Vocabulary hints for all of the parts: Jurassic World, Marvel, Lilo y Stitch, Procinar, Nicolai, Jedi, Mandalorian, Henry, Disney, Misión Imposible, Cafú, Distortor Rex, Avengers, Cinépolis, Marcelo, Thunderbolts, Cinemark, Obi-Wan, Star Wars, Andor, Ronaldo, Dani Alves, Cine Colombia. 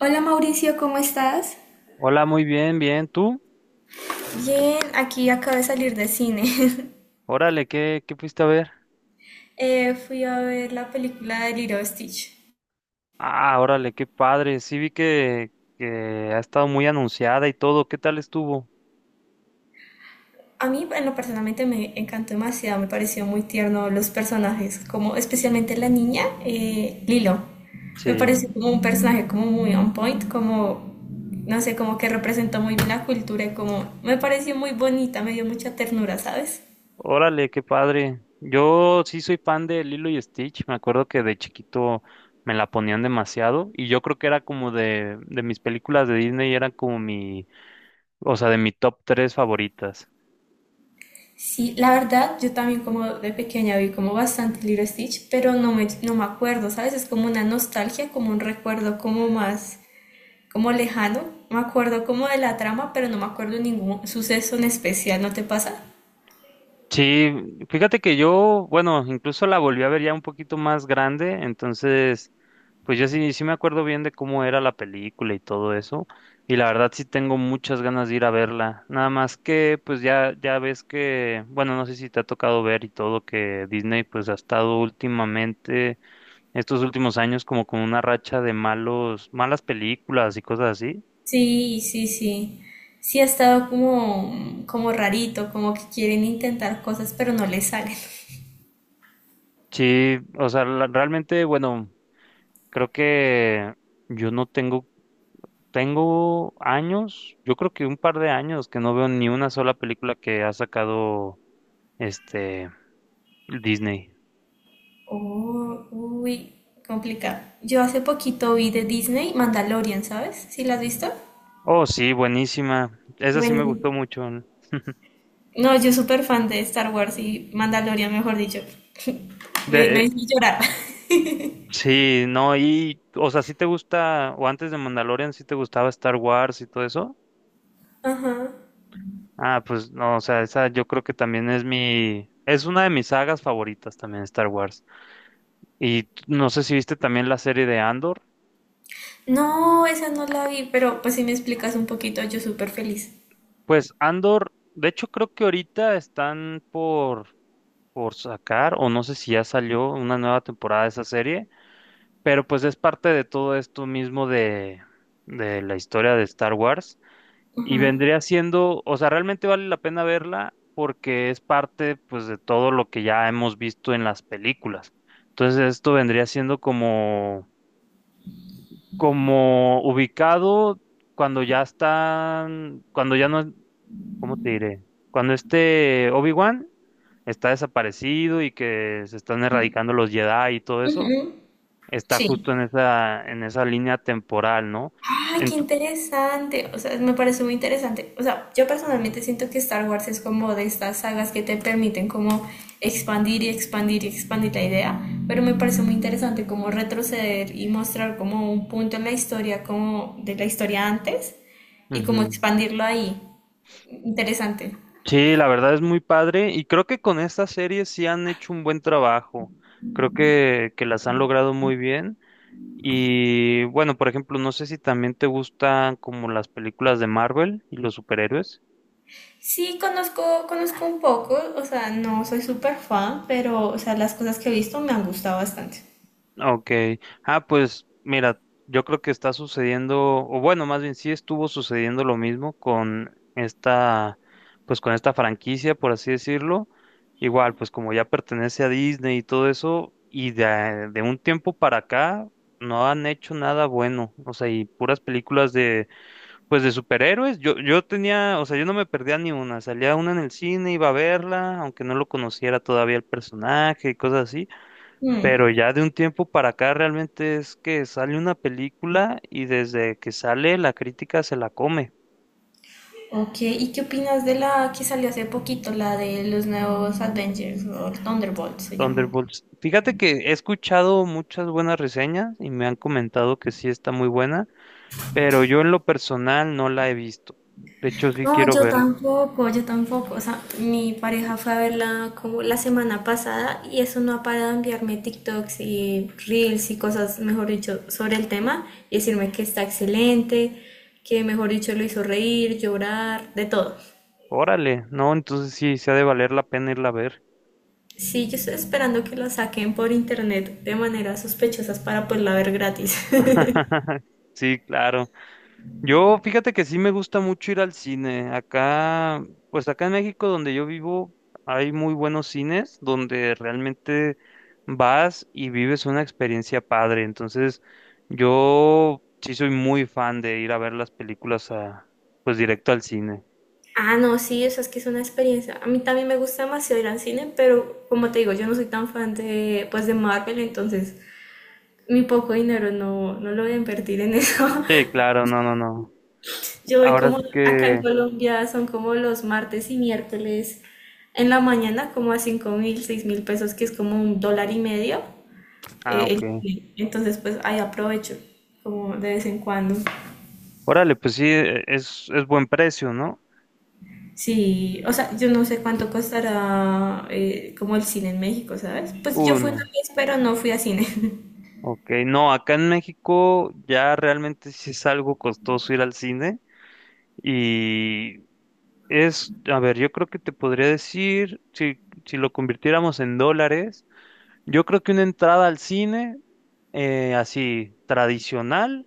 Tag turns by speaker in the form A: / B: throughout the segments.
A: Hola Mauricio, ¿cómo estás?
B: Hola, muy bien, bien. ¿Tú?
A: Bien, aquí acabo de salir de cine.
B: Órale, ¿qué fuiste a ver?
A: Fui a ver la película de Lilo y Stitch.
B: Ah, órale, qué padre. Sí vi que ha estado muy anunciada y todo. ¿Qué tal estuvo?
A: A mí, en lo personalmente, me encantó demasiado, me pareció muy tierno los personajes, como especialmente la niña, Lilo. Me
B: Sí.
A: pareció como un personaje como muy on point, como, no sé, como que representó muy bien la cultura y como me pareció muy bonita, me dio mucha ternura, ¿sabes?
B: Órale, qué padre. Yo sí soy fan de Lilo y Stitch. Me acuerdo que de chiquito me la ponían demasiado y yo creo que era como de mis películas de Disney, era como mi, o sea, de mi top tres favoritas.
A: Sí, la verdad, yo también como de pequeña vi como bastante Lilo y Stitch, pero no me acuerdo, ¿sabes? Es como una nostalgia, como un recuerdo como más, como lejano. Me acuerdo como de la trama, pero no me acuerdo ningún suceso en especial, ¿no te pasa?
B: Sí, fíjate que yo, bueno, incluso la volví a ver ya un poquito más grande, entonces pues yo sí, sí me acuerdo bien de cómo era la película y todo eso, y la verdad sí tengo muchas ganas de ir a verla. Nada más que, pues ya, ya ves que, bueno, no sé si te ha tocado ver y todo que Disney pues ha estado últimamente, estos últimos años como con una racha de malos, malas películas y cosas así.
A: Sí, sí, sí. Sí ha estado como, como rarito, como que quieren intentar cosas, pero no les salen.
B: Sí, o sea, realmente, bueno, creo que yo no tengo, tengo años, yo creo que un par de años que no veo ni una sola película que ha sacado este Disney.
A: Oh, uy, complicado. Yo hace poquito vi de Disney Mandalorian, ¿sabes? ¿Sí la has visto?
B: Oh, sí, buenísima. Esa sí me
A: Bueno,
B: gustó mucho, ¿no?
A: no, yo súper fan de Star Wars y Mandalorian, mejor dicho.
B: De,
A: Me hizo llorar.
B: sí, no, y, o sea, sí te gusta, o antes de Mandalorian, sí te gustaba Star Wars y todo eso. Ah, pues no, o sea, esa yo creo que también es mi, es una de mis sagas favoritas también, Star Wars. Y no sé si viste también la serie de Andor.
A: No, esa no la vi, pero pues si me explicas un poquito, yo súper feliz.
B: Pues Andor, de hecho creo que ahorita están por sacar, o no sé si ya salió una nueva temporada de esa serie. Pero pues es parte de todo esto mismo de la historia de Star Wars y
A: Ajá.
B: vendría siendo, o sea, realmente vale la pena verla porque es parte pues de todo lo que ya hemos visto en las películas. Entonces esto vendría siendo como, como ubicado cuando ya están, cuando ya no, ¿cómo te diré? Cuando este Obi-Wan está desaparecido y que se están erradicando los Jedi y todo eso
A: Ujú.
B: está
A: Sí.
B: justo en esa línea temporal, ¿no?
A: Ay, qué
B: Ent-
A: interesante. O sea, me parece muy interesante. O sea, yo personalmente siento que Star Wars es como de estas sagas que te permiten como expandir y expandir y expandir la idea, pero me parece muy interesante como retroceder y mostrar como un punto en la historia, como de la historia antes y como
B: Ujú.
A: expandirlo ahí. Interesante.
B: Sí, la verdad es muy padre y creo que con esta serie sí han hecho un buen trabajo. Creo que las han logrado muy bien. Y bueno, por ejemplo, no sé si también te gustan como las películas de Marvel y los superhéroes.
A: Sí, conozco, conozco un poco, o sea, no soy súper fan, pero, o sea, las cosas que he visto me han gustado bastante.
B: Ok, pues mira, yo creo que está sucediendo, o bueno, más bien sí estuvo sucediendo lo mismo con esta, pues con esta franquicia, por así decirlo. Igual, pues como ya pertenece a Disney y todo eso, y de un tiempo para acá no han hecho nada bueno, o sea, y puras películas de, pues de superhéroes. Yo tenía, o sea, yo no me perdía ni una, salía una en el cine, iba a verla, aunque no lo conociera todavía el personaje y cosas así.
A: Mm.
B: Pero ya de un tiempo para acá realmente es que sale una película y desde que sale la crítica se la come.
A: Ok, ¿y qué opinas de la que salió hace poquito, la de los nuevos Avengers, o Thunderbolts se llaman?
B: Thunderbolts. Fíjate que he escuchado muchas buenas reseñas y me han comentado que sí está muy buena, pero yo en lo personal no la he visto. De hecho, sí
A: No,
B: quiero
A: yo
B: verla.
A: tampoco, yo tampoco. O sea, mi pareja fue a verla como la semana pasada y eso no ha parado de enviarme TikToks y Reels y cosas, mejor dicho, sobre el tema y decirme que está excelente, que mejor dicho lo hizo reír, llorar, de todo.
B: Órale, no, entonces sí, se ha de valer la pena irla a ver.
A: Sí, yo estoy esperando que lo saquen por internet de maneras sospechosas para poderla ver gratis.
B: Sí, claro. Yo, fíjate que sí me gusta mucho ir al cine. Acá, pues acá en México donde yo vivo, hay muy buenos cines donde realmente vas y vives una experiencia padre. Entonces, yo sí soy muy fan de ir a ver las películas a, pues directo al cine.
A: Ah, no, sí, eso es que es una experiencia. A mí también me gusta demasiado ir al cine, pero como te digo, yo no soy tan fan de, pues, de Marvel, entonces mi poco dinero no lo voy a invertir en eso.
B: Sí, claro, no, no, no.
A: Yo voy
B: Ahora sí
A: como, acá en
B: que,
A: Colombia son como los martes y miércoles en la mañana, como a 5.000, 6.000 pesos, que es como un dólar y medio.
B: ah, ok.
A: El cine. Entonces, pues ahí aprovecho, como de vez en cuando.
B: Órale, pues sí, es buen precio, ¿no?
A: Sí, o sea, yo no sé cuánto costará como el cine en México, ¿sabes? Pues yo fui una
B: Uno.
A: vez, pero no fui a cine.
B: Ok, no, acá en México ya realmente sí es algo costoso ir al cine. Y es, a ver, yo creo que te podría decir, si, si lo convirtiéramos en dólares, yo creo que una entrada al cine, así tradicional,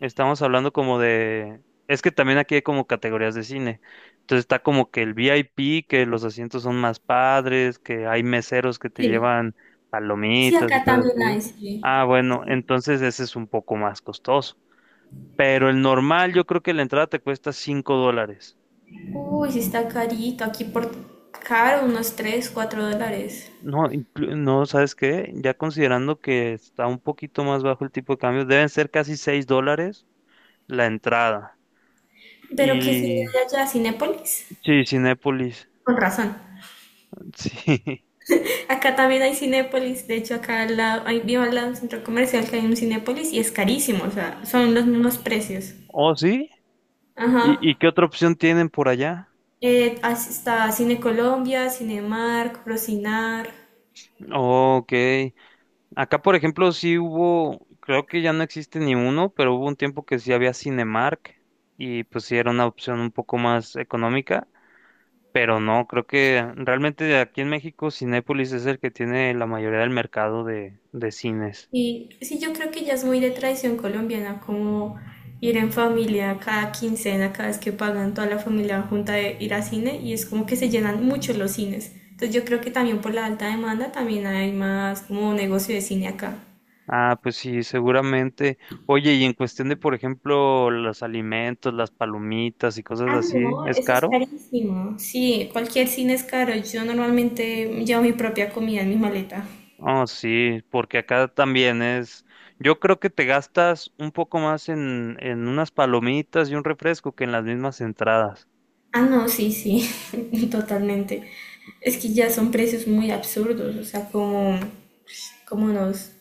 B: estamos hablando como de, es que también aquí hay como categorías de cine. Entonces está como que el VIP, que los asientos son más padres, que hay meseros que te
A: Sí,
B: llevan
A: sí,
B: palomitas y
A: acá
B: cosas
A: también hay,
B: así.
A: sí.
B: Ah, bueno, entonces ese es un poco más costoso. Pero el normal, yo creo que la entrada te cuesta 5 dólares.
A: Uy, sí está carito, aquí por caro, unos 3, 4 dólares.
B: No, no, ¿sabes qué? Ya considerando que está un poquito más bajo el tipo de cambio, deben ser casi 6 dólares la entrada.
A: Pero ¿qué cine
B: Y
A: hay allá? ¿Cinépolis?
B: sí, Cinépolis.
A: Con razón.
B: Sí.
A: Acá también hay Cinépolis, de hecho acá al lado, ahí vivo al lado de un centro comercial que hay un Cinépolis y es carísimo, o sea, son los mismos precios.
B: ¿Oh, sí?
A: Ajá.
B: Y qué otra opción tienen por allá?
A: Está Cine Colombia, Cinemark, Procinar.
B: Oh, ok. Acá, por ejemplo, sí hubo, creo que ya no existe ni uno, pero hubo un tiempo que sí había Cinemark y pues sí era una opción un poco más económica. Pero no, creo que realmente aquí en México Cinépolis es el que tiene la mayoría del mercado de cines.
A: Y sí, yo creo que ya es muy de tradición colombiana, como ir en familia cada quincena, cada vez que pagan toda la familia junta de ir a cine, y es como que se llenan mucho los cines. Entonces yo creo que también por la alta demanda también hay más como negocio de cine acá.
B: Ah, pues sí, seguramente. Oye, y en cuestión de, por ejemplo, los alimentos, las palomitas y cosas
A: Ah,
B: así,
A: no,
B: ¿es
A: eso es
B: caro?
A: carísimo. Sí, cualquier cine es caro. Yo normalmente llevo mi propia comida en mi maleta.
B: Oh, sí, porque acá también es. Yo creo que te gastas un poco más en unas palomitas y un refresco que en las mismas entradas.
A: Ah, no, sí, sí, totalmente. Es que ya son precios muy absurdos, o sea, como, como unos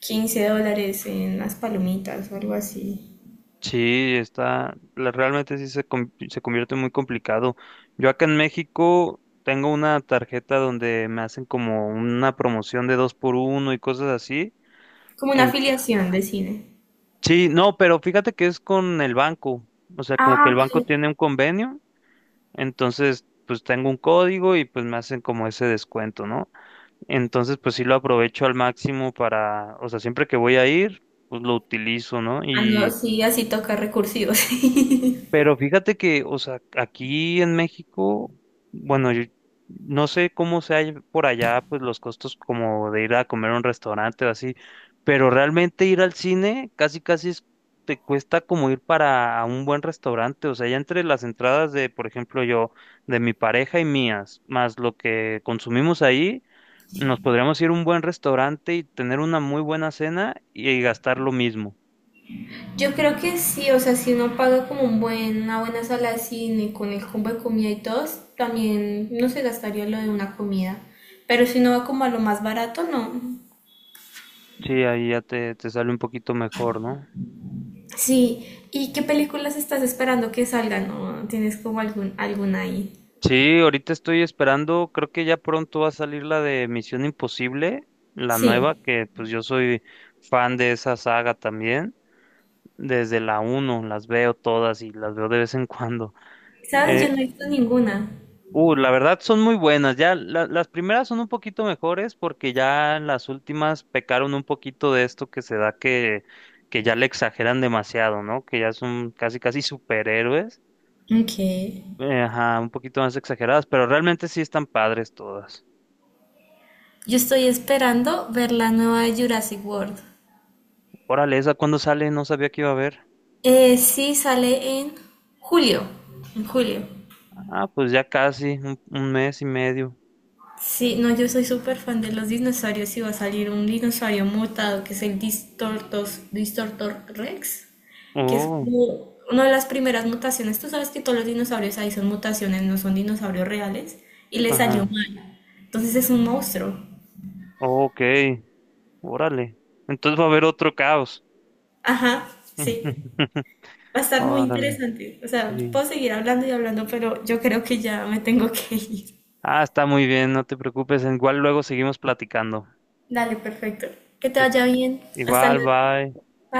A: 15 dólares en las palomitas o algo así.
B: Sí, está, realmente sí se, se convierte muy complicado. Yo acá en México tengo una tarjeta donde me hacen como una promoción de dos por uno y cosas así.
A: Como una
B: En,
A: afiliación de cine.
B: sí, no, pero fíjate que es con el banco. O sea, como que
A: Ah,
B: el banco
A: ok.
B: tiene un convenio, entonces pues tengo un código y pues me hacen como ese descuento, ¿no? Entonces pues sí lo aprovecho al máximo para, o sea, siempre que voy a ir, pues lo utilizo, ¿no?
A: Ah, no, sí, así toca recursivos.
B: Pero fíjate que, o sea, aquí en México, bueno, yo no sé cómo sea por allá, pues los costos como de ir a comer a un restaurante o así, pero realmente ir al cine casi casi te cuesta como ir para un buen restaurante, o sea, ya entre las entradas de, por ejemplo, yo, de mi pareja y mías, más lo que consumimos ahí, nos podríamos ir a un buen restaurante y tener una muy buena cena y gastar lo mismo.
A: Yo creo que sí, o sea, si uno paga como un buen, una buena sala de cine con el combo de comida y todo, también no se gastaría lo de una comida. Pero si uno va como a lo más barato, no.
B: Sí, ahí ya te sale un poquito mejor, ¿no?
A: Sí, ¿y qué películas estás esperando que salgan o tienes como algún, alguna ahí?
B: Sí, ahorita estoy esperando, creo que ya pronto va a salir la de Misión Imposible, la
A: Sí,
B: nueva, que pues yo soy fan de esa saga también, desde la uno las veo todas y las veo de vez en cuando.
A: sabes, yo
B: Eh,
A: no he visto ninguna.
B: la verdad son muy buenas, ya las primeras son un poquito mejores porque ya las últimas pecaron un poquito de esto que se da que ya le exageran demasiado, ¿no? Que ya son casi casi superhéroes,
A: Ok.
B: ajá, un poquito más exageradas, pero realmente sí están padres todas.
A: Yo estoy esperando ver la nueva de Jurassic World.
B: Órale, ¿esa cuándo sale? No sabía que iba a haber.
A: Sí, sale en julio. En julio.
B: Ah, pues ya casi, un mes y medio.
A: Sí, no, yo soy súper fan de los dinosaurios y va a salir un dinosaurio mutado que es el Distortos, Distortor Rex, que es
B: Oh,
A: como una de las primeras mutaciones. Tú sabes que todos los dinosaurios ahí son mutaciones, no son dinosaurios reales, y le salió
B: ajá.
A: mal. Entonces es un monstruo.
B: Oh, ok, órale. Entonces va a haber otro caos.
A: Ajá, sí. Va a estar muy
B: Órale,
A: interesante. O sea,
B: sí.
A: puedo seguir hablando y hablando, pero yo creo que ya me tengo que ir.
B: Ah, está muy bien, no te preocupes. Igual luego seguimos platicando.
A: Dale, perfecto. Que te vaya bien. Hasta
B: Igual,
A: luego.
B: bye.